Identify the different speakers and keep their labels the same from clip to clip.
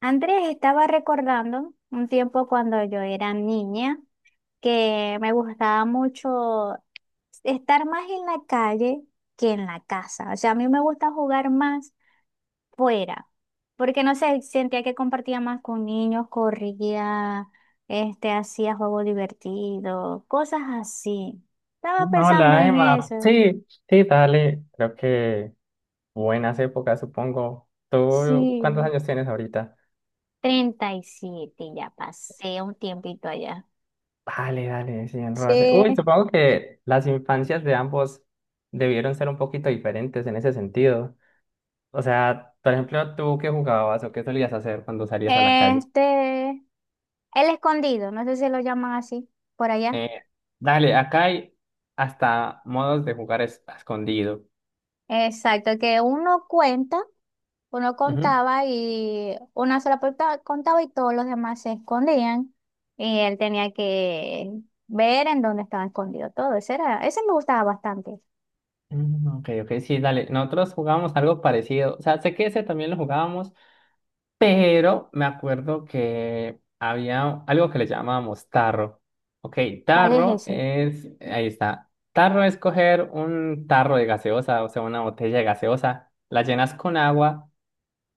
Speaker 1: Andrés estaba recordando un tiempo cuando yo era niña que me gustaba mucho estar más en la calle que en la casa. O sea, a mí me gusta jugar más fuera, porque no sé, sentía que compartía más con niños, corría, hacía juegos divertidos, cosas así. Estaba pensando
Speaker 2: Hola,
Speaker 1: en
Speaker 2: Emma.
Speaker 1: eso.
Speaker 2: Sí, sí, dale. Creo que buenas épocas, supongo. ¿Tú
Speaker 1: Sí,
Speaker 2: cuántos años tienes ahorita?
Speaker 1: 37, ya pasé un tiempito allá.
Speaker 2: Dale, dale, sí, enrólate.
Speaker 1: Sí.
Speaker 2: Uy, supongo que las infancias de ambos debieron ser un poquito diferentes en ese sentido. O sea, por ejemplo, ¿tú qué jugabas o qué solías hacer cuando salías a la calle?
Speaker 1: El escondido, no sé si lo llaman así por allá.
Speaker 2: Eh, Dale, acá hay hasta modos de jugar a escondido.
Speaker 1: Exacto, que uno
Speaker 2: Ujú.
Speaker 1: contaba y una sola persona contaba y todos los demás se escondían y él tenía que ver en dónde estaba escondido todo. Ese me gustaba bastante.
Speaker 2: Mm, ok, ok, sí, dale. Nosotros jugábamos algo parecido. O sea, sé que ese también lo jugábamos, pero me acuerdo que había algo que le llamábamos tarro. Ok,
Speaker 1: ¿Cuál es
Speaker 2: tarro
Speaker 1: ese?
Speaker 2: es, ahí está. Tarro es coger un tarro de gaseosa, o sea, una botella de gaseosa, la llenas con agua.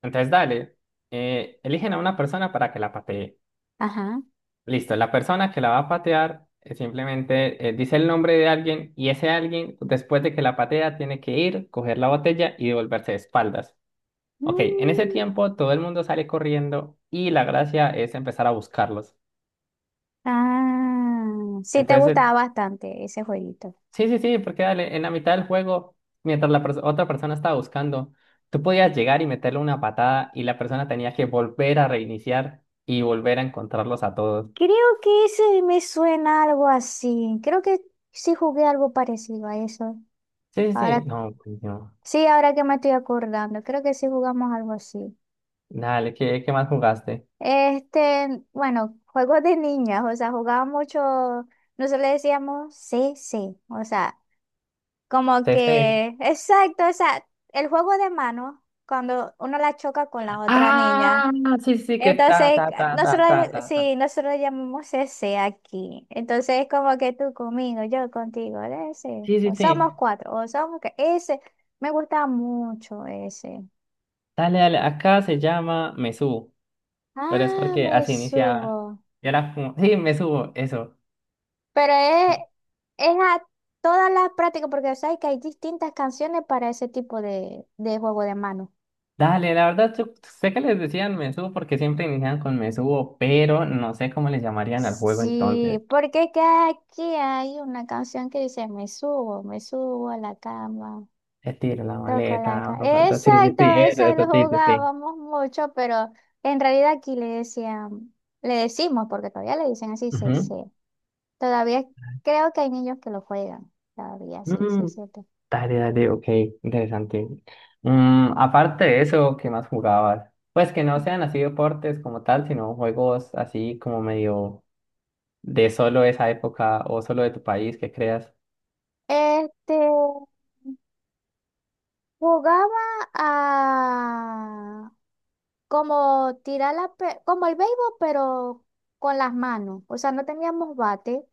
Speaker 2: Entonces, dale, eligen a una persona para que la patee.
Speaker 1: Ajá.
Speaker 2: Listo, la persona que la va a patear simplemente dice el nombre de alguien y ese alguien, después de que la patea, tiene que ir, coger la botella y devolverse de espaldas. Ok, en ese
Speaker 1: Mm,
Speaker 2: tiempo todo el mundo sale corriendo y la gracia es empezar a buscarlos.
Speaker 1: ah, sí, te
Speaker 2: Entonces,
Speaker 1: gustaba bastante ese jueguito.
Speaker 2: sí, sí, sí, porque dale, en la mitad del juego, mientras la otra persona estaba buscando, tú podías llegar y meterle una patada y la persona tenía que volver a reiniciar y volver a encontrarlos a todos.
Speaker 1: Creo que ese me suena algo así. Creo que sí jugué algo parecido a eso.
Speaker 2: Sí, sí, sí,
Speaker 1: Ahora,
Speaker 2: no, pues no.
Speaker 1: sí, ahora que me estoy acordando, creo que sí jugamos algo así.
Speaker 2: Dale, ¿qué más jugaste?
Speaker 1: Bueno, juegos de niñas, o sea, jugábamos mucho, nosotros le decíamos sí, sí, o sea, como
Speaker 2: CC.
Speaker 1: que, exacto, o sea, el juego de mano, cuando uno la choca con la otra niña.
Speaker 2: Ah, sí, sí, que está,
Speaker 1: Entonces,
Speaker 2: ta, ta, ta,
Speaker 1: nosotros,
Speaker 2: ta, ta, ta, ta.
Speaker 1: sí, nosotros le llamamos ese aquí. Entonces, es como que tú conmigo, yo contigo, de ese.
Speaker 2: Sí, sí,
Speaker 1: O
Speaker 2: sí.
Speaker 1: somos cuatro, o somos que ese. Me gusta mucho ese.
Speaker 2: Dale, dale, acá se llama Mesú. Pero es
Speaker 1: Ah,
Speaker 2: porque
Speaker 1: me
Speaker 2: así iniciaba.
Speaker 1: subo.
Speaker 2: Y era como, sí, me subo, eso.
Speaker 1: Pero es a todas las prácticas, porque sabes que hay distintas canciones para ese tipo de juego de mano.
Speaker 2: Dale, la verdad, yo sé que les decían me subo porque siempre inician con me subo, pero no sé cómo les llamarían al juego
Speaker 1: Sí,
Speaker 2: entonces.
Speaker 1: porque es que aquí hay una canción que dice, me subo a la cama.
Speaker 2: Te tiro la maleta,
Speaker 1: Tocolaca.
Speaker 2: bro, sí, sí,
Speaker 1: Exacto,
Speaker 2: sí, eso,
Speaker 1: ese
Speaker 2: eso,
Speaker 1: lo
Speaker 2: sí, sí, sí.
Speaker 1: jugábamos mucho, pero en realidad aquí le decían, le decimos, porque todavía le dicen así,
Speaker 2: Ujú.
Speaker 1: CC. Todavía creo que hay niños que lo juegan. Todavía, sí, sí,
Speaker 2: Mm,
Speaker 1: cierto.
Speaker 2: dale, dale, ok, interesante. Mm, aparte de eso, ¿qué más jugabas? Pues que no
Speaker 1: Ya.
Speaker 2: sean así deportes como tal, sino juegos así como medio de solo esa época o solo de tu país que creas.
Speaker 1: Este, jugaba a, como tirar como el béisbol, pero con las manos. O sea, no teníamos bate,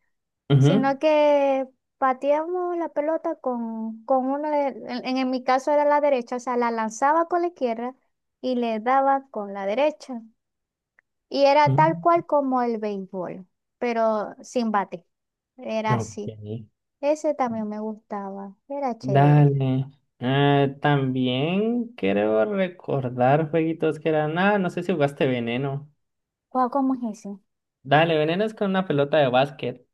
Speaker 2: Ujú.
Speaker 1: sino que pateamos la pelota con en mi caso era la derecha, o sea, la lanzaba con la izquierda y le daba con la derecha. Y era tal
Speaker 2: Mm,
Speaker 1: cual como el béisbol, pero sin bate. Era
Speaker 2: ok,
Speaker 1: así. Ese también me gustaba. Era chévere.
Speaker 2: dale. También creo recordar jueguitos que eran. Ah, no sé si jugaste Veneno.
Speaker 1: Guau, ¿cómo es ese?
Speaker 2: Dale, Veneno es con una pelota de básquet.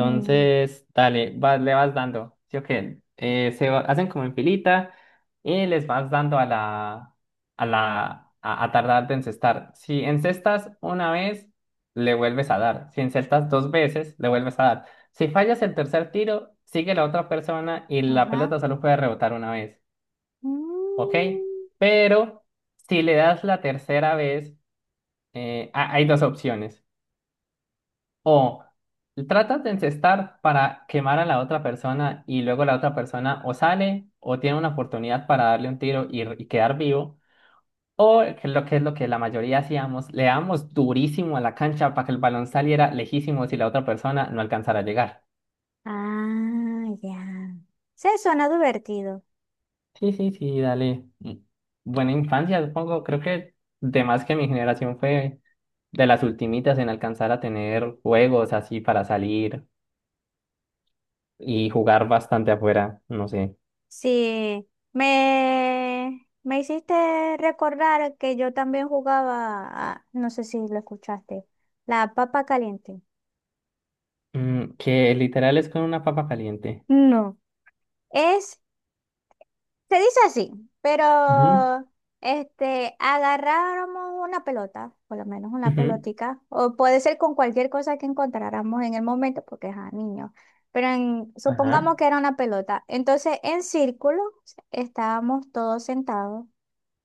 Speaker 1: Mm,
Speaker 2: dale, le vas dando. Sí, ok. Hacen como en filita y les vas dando a tardar de encestar. Si encestas una vez, le vuelves a dar. Si encestas dos veces, le vuelves a dar. Si fallas el tercer tiro, sigue la otra persona y la
Speaker 1: ajá.
Speaker 2: pelota solo puede rebotar una vez. ¿Ok?
Speaker 1: Mm.
Speaker 2: Pero si le das la tercera vez, hay dos opciones. O tratas de encestar para quemar a la otra persona y luego la otra persona o sale o tiene una oportunidad para darle un tiro y quedar vivo. O que lo que es lo que la mayoría hacíamos, le damos durísimo a la cancha para que el balón saliera lejísimo si la otra persona no alcanzara a llegar.
Speaker 1: Ah, ya. Sí, suena divertido.
Speaker 2: Sí, sí, sí, dale. Mm. Buena infancia, supongo. Creo que de más que mi generación fue de las ultimitas en alcanzar a tener juegos así para salir y jugar bastante afuera, no sé.
Speaker 1: Sí, me hiciste recordar que yo también jugaba, no sé si lo escuchaste, la papa caliente.
Speaker 2: Mm, que literal es con una papa caliente.
Speaker 1: No, es se dice así,
Speaker 2: Ujú.
Speaker 1: pero agarráramos una pelota, por lo menos una
Speaker 2: Ujú,
Speaker 1: pelotica, o puede ser con cualquier cosa que encontráramos en el momento, porque es a niño. Pero
Speaker 2: ajá,
Speaker 1: supongamos que era una pelota. Entonces, en círculo estábamos todos sentados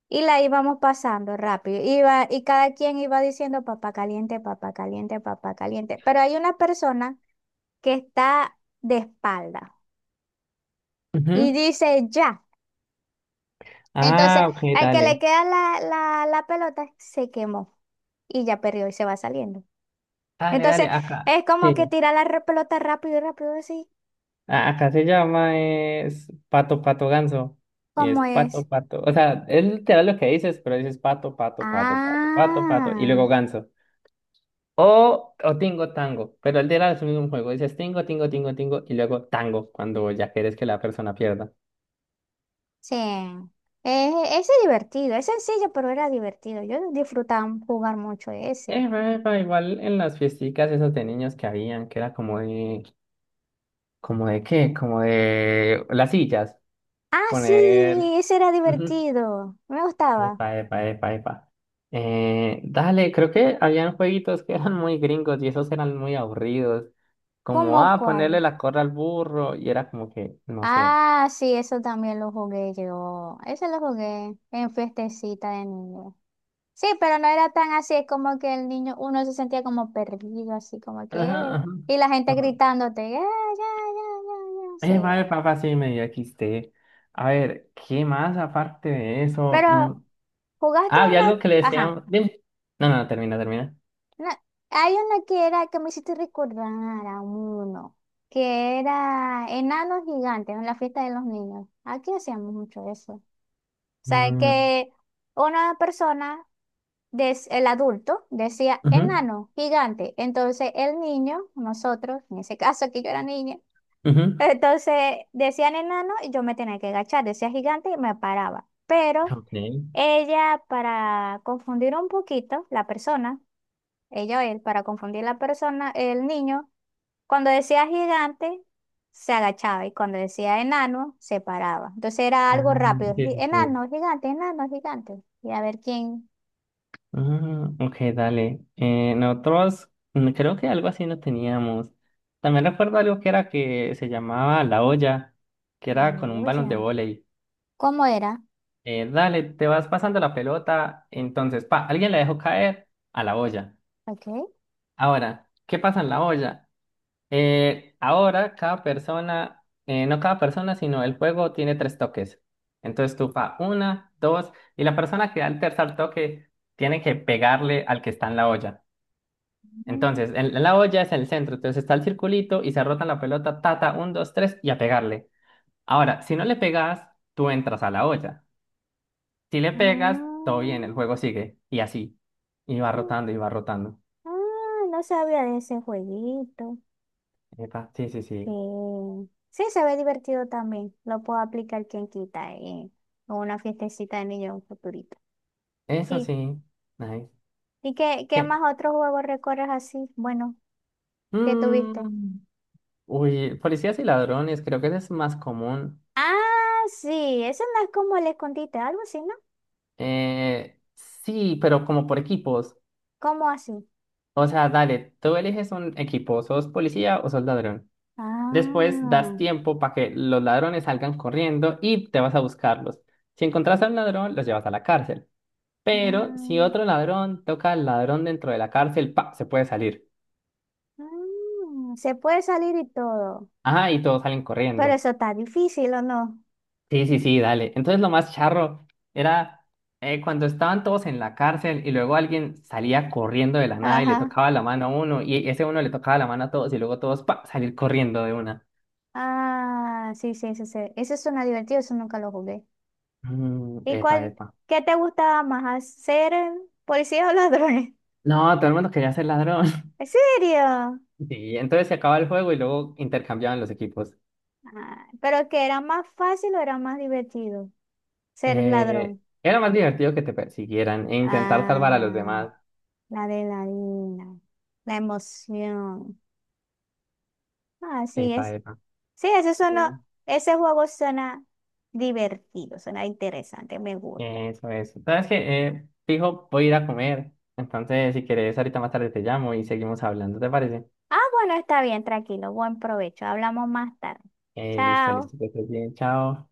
Speaker 1: y la íbamos pasando rápido. Y cada quien iba diciendo papá caliente, papá caliente, papá caliente. Pero hay una persona que está de espalda y
Speaker 2: ujú.
Speaker 1: dice ya. Entonces,
Speaker 2: Ah, ok,
Speaker 1: al que le
Speaker 2: dale.
Speaker 1: queda la pelota, se quemó y ya perdió y se va saliendo.
Speaker 2: Dale, dale,
Speaker 1: Entonces,
Speaker 2: acá.
Speaker 1: es como
Speaker 2: Sí.
Speaker 1: que tira pelota rápido, rápido, así
Speaker 2: Acá se llama es pato, pato, ganso. Y es
Speaker 1: como es.
Speaker 2: pato, pato. O sea, es literal lo que dices, pero dices pato, pato, pato, pato, pato, pato. Y luego
Speaker 1: Ah,
Speaker 2: ganso. O tingo, tango. Pero el literal es el mismo juego. Dices tingo, tingo, tingo, tingo. Y luego tango, cuando ya quieres que la persona pierda.
Speaker 1: sí. Ese es divertido, es sencillo, pero era divertido. Yo disfrutaba jugar mucho ese.
Speaker 2: Epa, epa, igual en las fiesticas esas de niños que habían, que era como de. ¿Como de qué? Como de las sillas.
Speaker 1: Ah, sí,
Speaker 2: Poner.
Speaker 1: ese era
Speaker 2: Ujú.
Speaker 1: divertido. Me gustaba.
Speaker 2: Epa, epa, epa, epa. Dale, creo que habían jueguitos que eran muy gringos y esos eran muy aburridos. Como,
Speaker 1: ¿Cómo
Speaker 2: ah, ponerle
Speaker 1: cuál?
Speaker 2: la corra al burro y era como que, no sé.
Speaker 1: Ah, sí, eso también lo jugué yo. Ese lo jugué en fiestecita de niño. Sí, pero no era tan así, es como que el niño, uno se sentía como perdido, así como que,
Speaker 2: Ajá, ajá.
Speaker 1: Y la gente
Speaker 2: Como,
Speaker 1: gritándote, "Ya, ya, ya, ya, ya",
Speaker 2: epa,
Speaker 1: sí.
Speaker 2: epa, epa, sí, medio XT. A ver, ¿qué más aparte de eso?
Speaker 1: Pero
Speaker 2: Mm,
Speaker 1: jugaste
Speaker 2: ah, había
Speaker 1: una,
Speaker 2: algo que le
Speaker 1: ajá,
Speaker 2: decían. Dime. No, no, termina, termina.
Speaker 1: una- hay una que era, que me hiciste recordar a uno, que era enanos gigantes en la fiesta de los niños. Aquí hacíamos mucho eso. O sea,
Speaker 2: Mm,
Speaker 1: que una persona el adulto decía
Speaker 2: ujú,
Speaker 1: enano, gigante. Entonces el niño, nosotros, en ese caso que yo era niña,
Speaker 2: ujú.
Speaker 1: entonces decían enano y yo me tenía que agachar, decía gigante y me paraba. Pero
Speaker 2: Ok.
Speaker 1: ella, para confundir un poquito la persona, ella o él, para confundir la persona, el niño, cuando decía gigante, se agachaba y cuando decía enano, se paraba. Entonces era algo
Speaker 2: Ah,
Speaker 1: rápido,
Speaker 2: sí, sí, sí.
Speaker 1: enano, gigante, enano, gigante. Y a ver quién...
Speaker 2: Mm, ok, dale. Nosotros creo que algo así no teníamos. También recuerdo algo que era que se llamaba la olla, que era con un
Speaker 1: No,
Speaker 2: balón de
Speaker 1: ya.
Speaker 2: vóley.
Speaker 1: ¿Cómo era?
Speaker 2: Dale, te vas pasando la pelota, entonces, pa, alguien la dejó caer a la olla.
Speaker 1: Ok.
Speaker 2: Ahora, ¿qué pasa en la olla? Ahora no cada persona, sino el juego tiene tres toques. Entonces tú fa una, dos, y la persona que da el tercer toque tiene que pegarle al que está en la olla.
Speaker 1: Mm,
Speaker 2: Entonces, en la olla es el centro, entonces está el circulito y se rota la pelota, tata, un, dos, tres, y a pegarle. Ahora, si no le pegas, tú entras a la olla. Si le pegas, todo bien, el
Speaker 1: mm,
Speaker 2: juego sigue, y así. Y va
Speaker 1: mm,
Speaker 2: rotando y va rotando.
Speaker 1: ah, no sabía de ese jueguito.
Speaker 2: Epa, sí, sí,
Speaker 1: Sí.
Speaker 2: sí.
Speaker 1: Sí, se ve divertido también. Lo puedo aplicar, quien quita, o una fiestecita de niños en un futurito.
Speaker 2: Eso
Speaker 1: Sí.
Speaker 2: sí. Nice.
Speaker 1: ¿Y qué
Speaker 2: Bien.
Speaker 1: más otros juegos recorres así? Bueno, ¿qué tuviste?
Speaker 2: Mm. Uy, policías y ladrones, creo que ese es más común.
Speaker 1: Ah, sí. Eso no es como el escondite, algo así, ¿no?
Speaker 2: Sí, pero como por equipos.
Speaker 1: ¿Cómo así?
Speaker 2: O sea, dale, tú eliges un equipo, sos policía o sos ladrón. Después das
Speaker 1: Ah,
Speaker 2: tiempo para que los ladrones salgan corriendo y te vas a buscarlos. Si encontrás a un ladrón, los llevas a la cárcel. Pero si
Speaker 1: ah,
Speaker 2: otro ladrón toca al ladrón dentro de la cárcel, pa, se puede salir.
Speaker 1: ah, se puede salir y todo.
Speaker 2: Ajá, y todos salen
Speaker 1: Pero
Speaker 2: corriendo.
Speaker 1: eso está difícil, ¿o no?
Speaker 2: Sí, sí, sí, dale. Entonces lo más charro era cuando estaban todos en la cárcel y luego alguien salía corriendo de la nada y le
Speaker 1: Ajá.
Speaker 2: tocaba la mano a uno y ese uno le tocaba la mano a todos y luego todos pa, salir corriendo de una.
Speaker 1: Ah, sí, sí, sí, sí. Eso suena divertido, eso nunca lo jugué.
Speaker 2: Mm,
Speaker 1: ¿Y
Speaker 2: epa,
Speaker 1: cuál?
Speaker 2: epa.
Speaker 1: ¿Qué te gustaba más? ¿Hacer policías o ladrones?
Speaker 2: No, todo el mundo quería ser ladrón.
Speaker 1: ¿En serio?
Speaker 2: Sí, entonces se acaba el juego y luego intercambiaban los equipos.
Speaker 1: Ah, ¿pero que era más fácil o era más divertido ser
Speaker 2: Eh,
Speaker 1: ladrón?
Speaker 2: era más divertido que te persiguieran e intentar salvar a los
Speaker 1: Ah,
Speaker 2: demás.
Speaker 1: la adrenalina, la emoción. Ah, sí,
Speaker 2: Epa,
Speaker 1: es.
Speaker 2: epa.
Speaker 1: Sí, eso suena, ese juego suena divertido, suena interesante, me gusta.
Speaker 2: Eso, es. ¿Sabes qué? Fijo, voy a ir a comer. Entonces, si quieres, ahorita más tarde te llamo y seguimos hablando, ¿te parece?
Speaker 1: Ah, bueno, está bien, tranquilo. Buen provecho. Hablamos más tarde.
Speaker 2: Listo,
Speaker 1: Chao.
Speaker 2: listo, que estés bien, chao.